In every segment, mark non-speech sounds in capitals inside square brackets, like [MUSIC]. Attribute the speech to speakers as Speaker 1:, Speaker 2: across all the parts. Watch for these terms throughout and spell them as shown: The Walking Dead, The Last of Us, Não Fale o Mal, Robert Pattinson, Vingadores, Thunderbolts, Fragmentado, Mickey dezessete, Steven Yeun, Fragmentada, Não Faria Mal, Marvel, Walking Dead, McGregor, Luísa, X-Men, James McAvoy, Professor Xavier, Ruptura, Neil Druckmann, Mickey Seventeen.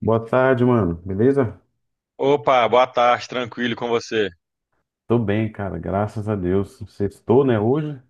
Speaker 1: Boa tarde, mano. Beleza?
Speaker 2: Opa, boa tarde, tranquilo com você?
Speaker 1: Tô bem, cara. Graças a Deus. Sextou, né, hoje?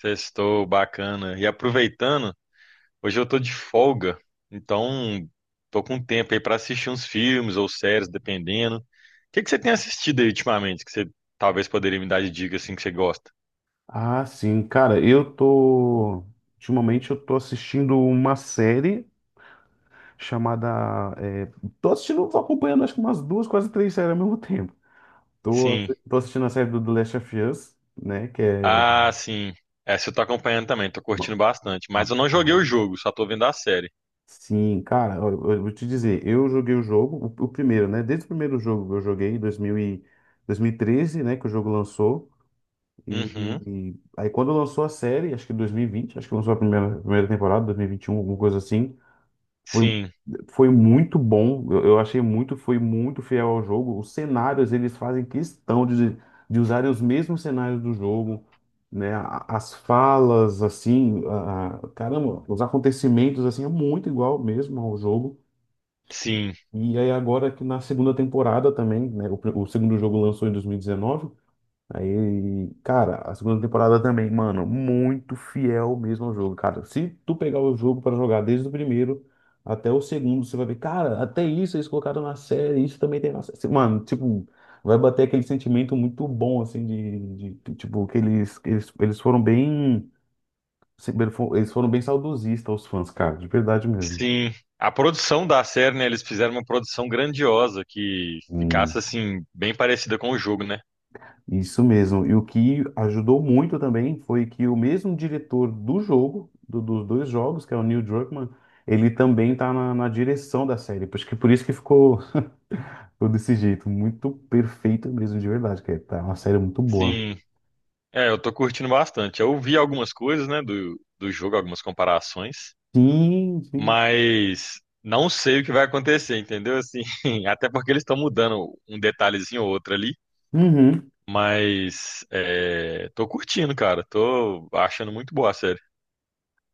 Speaker 2: Sextou, bacana. E aproveitando, hoje eu tô de folga, então tô com tempo aí pra assistir uns filmes ou séries, dependendo. O que que você tem assistido aí ultimamente que você talvez poderia me dar de dica assim que você gosta?
Speaker 1: Ah, sim. Cara, eu tô. Ultimamente eu tô assistindo uma série chamada. Tô assistindo, tô acompanhando acho que umas duas, quase três séries ao mesmo [LAUGHS] tempo. Tô,
Speaker 2: Sim.
Speaker 1: tô assistindo a série do The Last of Us, né? Que é.
Speaker 2: Ah, sim. Essa eu tô acompanhando também, tô curtindo bastante, mas eu não joguei o
Speaker 1: Rapaz,
Speaker 2: jogo, só tô vendo a série.
Speaker 1: sim, cara, olha, eu vou te dizer, eu joguei o jogo, o primeiro, né? Desde o primeiro jogo que eu joguei, em 2013, né? Que o jogo lançou. E
Speaker 2: Uhum.
Speaker 1: e aí quando lançou a série, acho que em 2020, acho que lançou a primeira temporada, 2021, alguma coisa assim, foi,
Speaker 2: Sim.
Speaker 1: foi muito bom. Eu achei muito, foi muito fiel ao jogo. Os cenários, eles fazem questão de usarem os mesmos cenários do jogo, né? As falas, assim, caramba, os acontecimentos, assim, é muito igual mesmo ao jogo.
Speaker 2: Sim.
Speaker 1: E aí agora que na segunda temporada também, né? O segundo jogo lançou em 2019. Aí, cara, a segunda temporada também, mano, muito fiel mesmo ao jogo, cara. Se tu pegar o jogo pra jogar desde o primeiro até o segundo, você vai ver, cara, até isso eles colocaram na série, isso também tem na série. Mano, tipo, vai bater aquele sentimento muito bom, assim, tipo, que eles foram bem saudosistas, os fãs, cara, de verdade mesmo.
Speaker 2: Sim, a produção da série, né, eles fizeram uma produção grandiosa que ficasse
Speaker 1: Hum.
Speaker 2: assim bem parecida com o jogo, né?
Speaker 1: Isso mesmo. E o que ajudou muito também foi que o mesmo diretor do jogo, dos dois jogos, que é o Neil Druckmann, ele também tá na direção da série. Acho que por isso que ficou desse jeito. Muito perfeito mesmo, de verdade. Que é tá uma série muito boa.
Speaker 2: Sim, eu tô curtindo bastante. Eu vi algumas coisas, né, do jogo, algumas comparações,
Speaker 1: Sim, sim.
Speaker 2: mas não sei o que vai acontecer, entendeu? Assim, [LAUGHS] até porque eles estão mudando um detalhezinho ou outro ali,
Speaker 1: Uhum.
Speaker 2: mas tô curtindo, cara. Tô achando muito boa a série.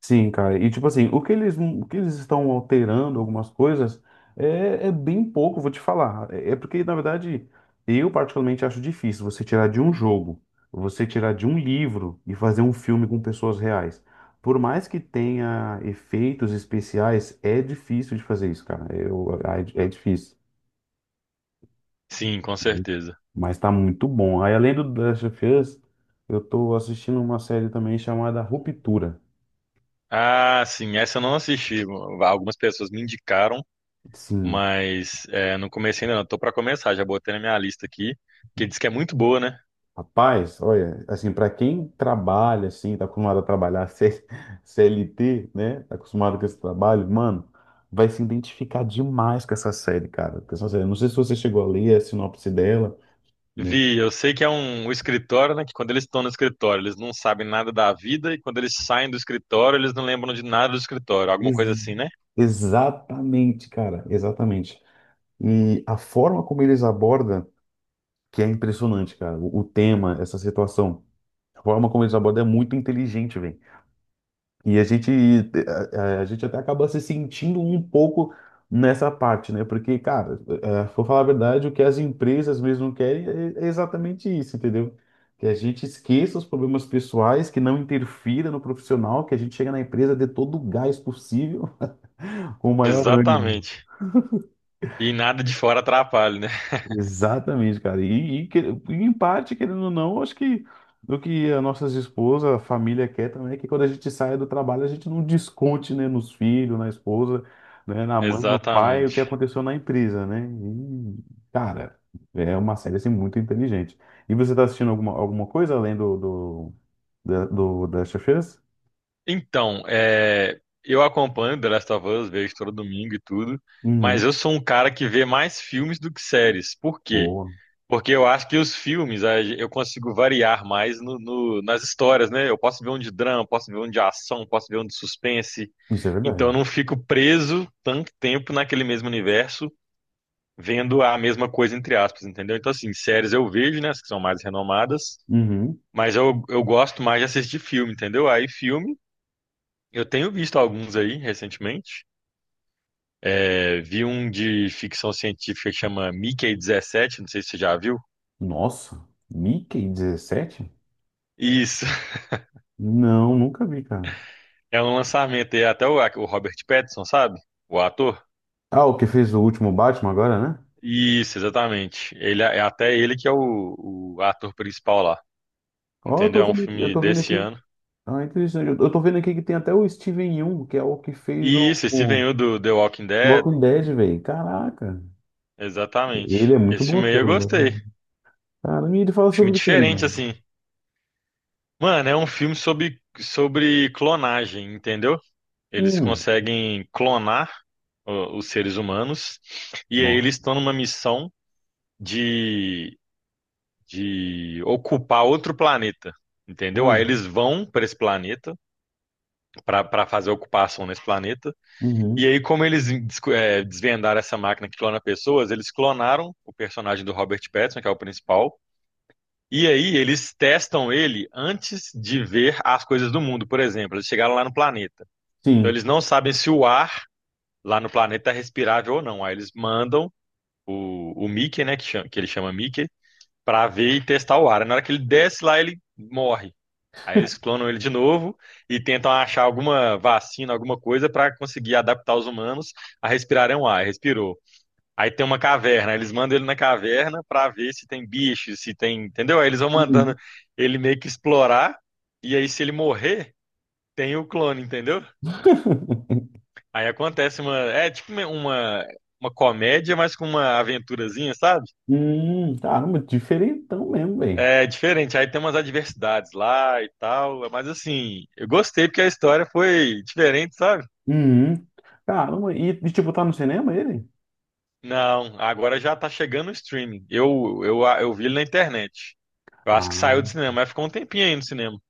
Speaker 1: Sim, cara. E tipo assim, o que eles estão alterando algumas coisas é bem pouco, vou te falar. É porque, na verdade, eu particularmente acho difícil você tirar de um jogo, você tirar de um livro e fazer um filme com pessoas reais. Por mais que tenha efeitos especiais, é difícil de fazer isso, cara. É difícil.
Speaker 2: Sim, com
Speaker 1: Uhum.
Speaker 2: certeza.
Speaker 1: Mas tá muito bom. Aí, além do The Last of Us, eu tô assistindo uma série também chamada Ruptura.
Speaker 2: Ah, sim, essa eu não assisti. Algumas pessoas me indicaram,
Speaker 1: Sim.
Speaker 2: mas não comecei ainda não. Tô pra começar, já botei na minha lista aqui, que diz que é muito boa, né?
Speaker 1: Rapaz, olha, assim, para quem trabalha, assim, tá acostumado a trabalhar [LAUGHS] CLT, né? Tá acostumado com esse trabalho, mano, vai se identificar demais com essa série, cara. Com essa série. Não sei se você chegou a ler a sinopse dela, né?
Speaker 2: Vi, eu sei que é um escritório, né? Que quando eles estão no escritório, eles não sabem nada da vida, e quando eles saem do escritório, eles não lembram de nada do escritório, alguma
Speaker 1: Ex-
Speaker 2: coisa assim, né?
Speaker 1: exatamente, cara, exatamente. E a forma como eles abordam, que é impressionante, cara, o tema, essa situação, a forma como eles abordam é muito inteligente. E a gente, a gente até acaba se sentindo um pouco nessa parte, né? Porque, cara, é, vou falar a verdade, o que as empresas mesmo querem é exatamente isso, entendeu? Que a gente esqueça os problemas pessoais, que não interfira no profissional, que a gente chega na empresa dê todo o gás possível, [LAUGHS] com o maior ânimo.
Speaker 2: Exatamente. E nada de fora atrapalha, né? [LAUGHS]
Speaker 1: Exatamente, cara. E, e em parte, querendo ou não, acho que o que a nossas esposas, a família quer também é que quando a gente saia do trabalho, a gente não desconte, né, nos filhos, na esposa, né, na mãe, no pai, o que
Speaker 2: Exatamente.
Speaker 1: aconteceu na empresa, né? E, cara, é uma série assim muito inteligente. E você tá assistindo alguma coisa além da Chefeiras?
Speaker 2: Então, eu acompanho The Last of Us, vejo todo domingo e tudo, mas
Speaker 1: Uhum.
Speaker 2: eu sou um cara que vê mais filmes do que séries. Por quê?
Speaker 1: Boa.
Speaker 2: Porque eu acho que os filmes a gen- eu consigo variar mais nas histórias, né? Eu posso ver um de drama, posso ver um de ação, posso ver um de suspense.
Speaker 1: Isso é
Speaker 2: Então
Speaker 1: verdade.
Speaker 2: eu não fico preso tanto tempo naquele mesmo universo, vendo a mesma coisa, entre aspas, entendeu? Então, assim, séries eu vejo, né? As que são mais renomadas,
Speaker 1: Uhum.
Speaker 2: mas eu gosto mais de assistir filme, entendeu? Aí, filme, eu tenho visto alguns aí recentemente. É, vi um de ficção científica que chama Mickey dezessete, não sei se você já viu.
Speaker 1: Nossa, Mickey 17.
Speaker 2: Isso.
Speaker 1: Não, nunca vi, cara.
Speaker 2: É um lançamento, e até o Robert Pattinson, sabe? O ator.
Speaker 1: Ah, o que fez o último Batman agora, né?
Speaker 2: Isso, exatamente. Ele é é até ele que é o ator principal lá.
Speaker 1: Ó, eu
Speaker 2: Entendeu?
Speaker 1: tô
Speaker 2: É um
Speaker 1: vendo, eu
Speaker 2: filme
Speaker 1: tô vendo
Speaker 2: desse
Speaker 1: aqui.
Speaker 2: ano.
Speaker 1: Ah, interessante. Eu tô vendo aqui que tem até o Steven Yeun, que é o que fez
Speaker 2: E
Speaker 1: o,
Speaker 2: isso, esse
Speaker 1: o
Speaker 2: veio do The Walking Dead.
Speaker 1: Walking Dead, velho. Caraca.
Speaker 2: Exatamente.
Speaker 1: Ele é muito
Speaker 2: Esse
Speaker 1: bom
Speaker 2: filme aí eu
Speaker 1: ator,
Speaker 2: gostei.
Speaker 1: mano. Cara, e ele fala
Speaker 2: Filme
Speaker 1: sobre o quê,
Speaker 2: diferente,
Speaker 1: mano?
Speaker 2: assim. Mano, é um filme sobre clonagem, entendeu? Eles
Speaker 1: Hum,
Speaker 2: conseguem clonar, ó, os seres humanos. E aí
Speaker 1: nossa.
Speaker 2: eles estão numa missão de ocupar outro planeta. Entendeu? Aí
Speaker 1: Ah,
Speaker 2: eles vão para esse planeta, para fazer a ocupação nesse planeta. E
Speaker 1: uhum.
Speaker 2: aí, como eles desvendaram essa máquina que clona pessoas, eles clonaram o personagem do Robert Pattinson, que é o principal. E aí, eles testam ele antes de ver as coisas do mundo. Por exemplo, eles chegaram lá no planeta. Então,
Speaker 1: Sim.
Speaker 2: eles não sabem se o ar lá no planeta é respirável ou não. Aí, eles mandam o Mickey, né, que que ele chama Mickey, para ver e testar o ar. Aí, na hora que ele desce lá, ele morre. Aí eles clonam ele de novo e tentam achar alguma vacina, alguma coisa para conseguir adaptar os humanos a respirarem o ar. Respirou. Aí tem uma caverna, eles mandam ele na caverna para ver se tem bichos, se tem, entendeu? Aí eles vão mandando
Speaker 1: Uhum.
Speaker 2: ele meio que explorar, e aí se ele morrer, tem o clone, entendeu?
Speaker 1: [LAUGHS]
Speaker 2: Aí acontece uma, é tipo uma comédia, mas com uma aventurazinha, sabe?
Speaker 1: Caramba, diferentão mesmo, velho.
Speaker 2: É diferente. Aí tem umas adversidades lá e tal, mas assim, eu gostei porque a história foi diferente, sabe?
Speaker 1: Uhum. Caramba, tipo, tá no cinema ele?
Speaker 2: Não, agora já tá chegando o streaming. Eu vi ele na internet. Eu acho que
Speaker 1: Ah,
Speaker 2: saiu do cinema, mas ficou um tempinho aí no cinema.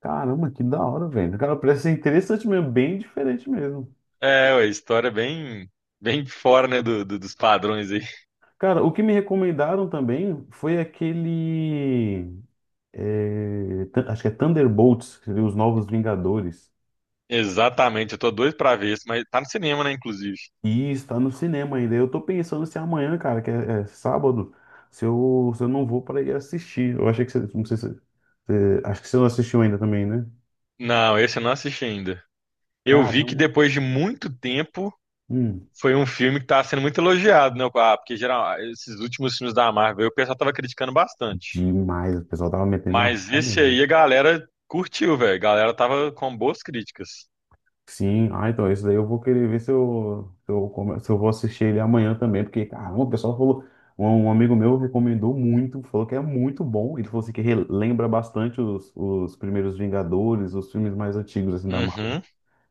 Speaker 1: caramba, que da hora, velho. Cara, parece ser interessante mesmo, bem diferente mesmo.
Speaker 2: É, ué, história é bem fora, né, dos padrões aí. [LAUGHS]
Speaker 1: Cara, o que me recomendaram também foi aquele. Acho que é Thunderbolts, que seria Os Novos Vingadores.
Speaker 2: Exatamente, eu tô doido pra ver isso, mas tá no cinema, né, inclusive.
Speaker 1: E está no cinema ainda. Eu tô pensando se amanhã, cara, que é sábado, se eu não vou para ir assistir. Eu achei que você. Não sei acho que você não assistiu ainda também, né?
Speaker 2: Não, esse eu não assisti ainda. Eu vi que
Speaker 1: Caramba.
Speaker 2: depois de muito tempo
Speaker 1: Hum,
Speaker 2: foi um filme que tá sendo muito elogiado, né? Ah, porque geral, esses últimos filmes da Marvel, o pessoal tava criticando bastante.
Speaker 1: demais. O pessoal tava metendo a
Speaker 2: Mas esse
Speaker 1: roda.
Speaker 2: aí a galera curtiu, velho. A galera tava com boas críticas.
Speaker 1: Sim, ah, então esse daí eu vou querer ver se eu vou assistir ele amanhã também, porque, caramba, o pessoal falou, um amigo meu recomendou muito, falou que é muito bom, ele falou assim que relembra bastante os primeiros Vingadores, os filmes mais antigos, assim, da Marvel,
Speaker 2: Uhum,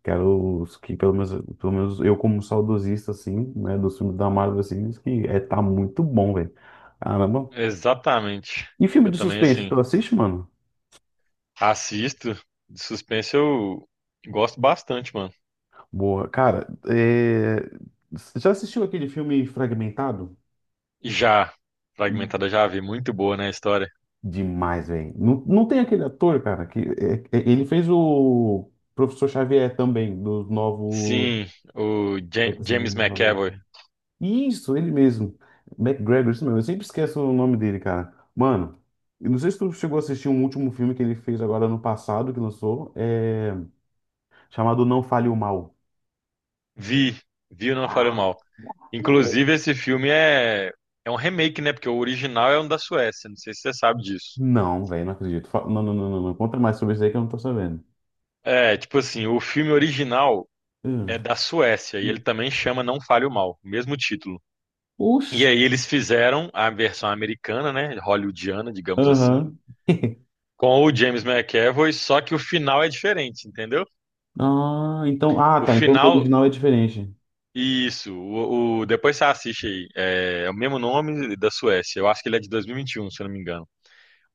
Speaker 1: que eram os que, pelo menos eu como saudosista, assim, né, dos filmes da Marvel, assim, diz que é, tá muito bom, velho, caramba.
Speaker 2: exatamente.
Speaker 1: E filme
Speaker 2: Eu
Speaker 1: de
Speaker 2: também,
Speaker 1: suspense,
Speaker 2: assim,
Speaker 1: tu assiste, mano?
Speaker 2: assisto. De suspense eu gosto bastante, mano.
Speaker 1: Boa, cara, você já assistiu aquele filme Fragmentado?
Speaker 2: E já, Fragmentada já vi, muito boa, né, a história.
Speaker 1: Demais, velho. Não, não tem aquele ator, cara, que ele fez o Professor Xavier também, do novo
Speaker 2: Sim, o James
Speaker 1: X-Men.
Speaker 2: McAvoy.
Speaker 1: Isso, ele mesmo. McGregor, isso mesmo. Eu sempre esqueço o nome dele, cara. Mano, eu não sei se tu chegou a assistir um último filme que ele fez agora no passado, que lançou, chamado Não Fale o Mal.
Speaker 2: Vi, vi o Não Faria
Speaker 1: Ah,
Speaker 2: Mal. Inclusive, esse filme é um remake, né? Porque o original é um da Suécia, não sei se você sabe disso.
Speaker 1: não, velho, não acredito. Não, não, não, não, não. Conta mais sobre isso aí que eu não tô sabendo.
Speaker 2: É, tipo assim, o filme original
Speaker 1: Hum.
Speaker 2: é da Suécia e ele também chama Não Fale o Mal, mesmo título. E
Speaker 1: Oxi.
Speaker 2: aí eles fizeram a versão americana, né? Hollywoodiana, digamos assim,
Speaker 1: Aham. [LAUGHS]
Speaker 2: com o James McAvoy, só que o final é diferente, entendeu?
Speaker 1: Ah, então. Ah,
Speaker 2: O
Speaker 1: tá. Então o
Speaker 2: final.
Speaker 1: original é diferente.
Speaker 2: Isso, depois você assiste aí. É, é o mesmo nome da Suécia. Eu acho que ele é de 2021, se eu não me engano.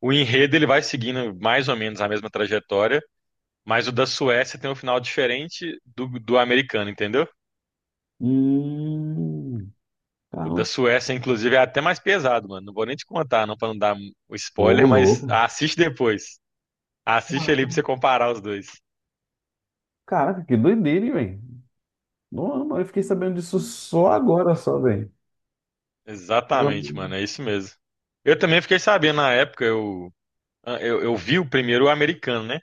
Speaker 2: O enredo ele vai seguindo mais ou menos a mesma trajetória, mas o da Suécia tem um final diferente do americano, entendeu?
Speaker 1: Hum.
Speaker 2: O
Speaker 1: Caramba.
Speaker 2: da Suécia, inclusive, é até mais pesado, mano. Não vou nem te contar, não, pra não dar o
Speaker 1: Ô,
Speaker 2: spoiler, mas
Speaker 1: louco.
Speaker 2: assiste depois. Assiste ali pra você comparar os dois.
Speaker 1: Caraca, que doideira, hein, velho. Não, eu fiquei sabendo disso só agora, só, velho.
Speaker 2: Exatamente, mano, é isso mesmo. Eu também fiquei sabendo na época, eu vi o primeiro americano, né?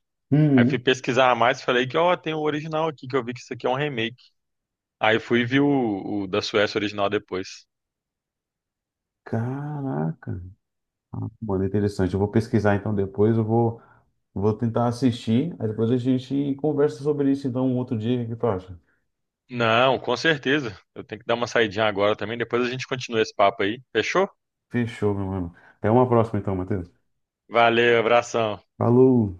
Speaker 2: Aí fui
Speaker 1: Hum.
Speaker 2: pesquisar mais e falei que, ó, tem o original aqui, que eu vi que isso aqui é um remake. Aí fui ver o da Suécia original depois.
Speaker 1: Caraca. Mano, interessante. Eu vou pesquisar então depois. Eu vou tentar assistir. Aí depois a gente conversa sobre isso então um outro dia. O que tu acha?
Speaker 2: Não, com certeza. Eu tenho que dar uma saidinha agora também, depois a gente continua esse papo aí. Fechou?
Speaker 1: Fechou, meu mano. Até uma próxima então, Matheus.
Speaker 2: Valeu, abração.
Speaker 1: Falou.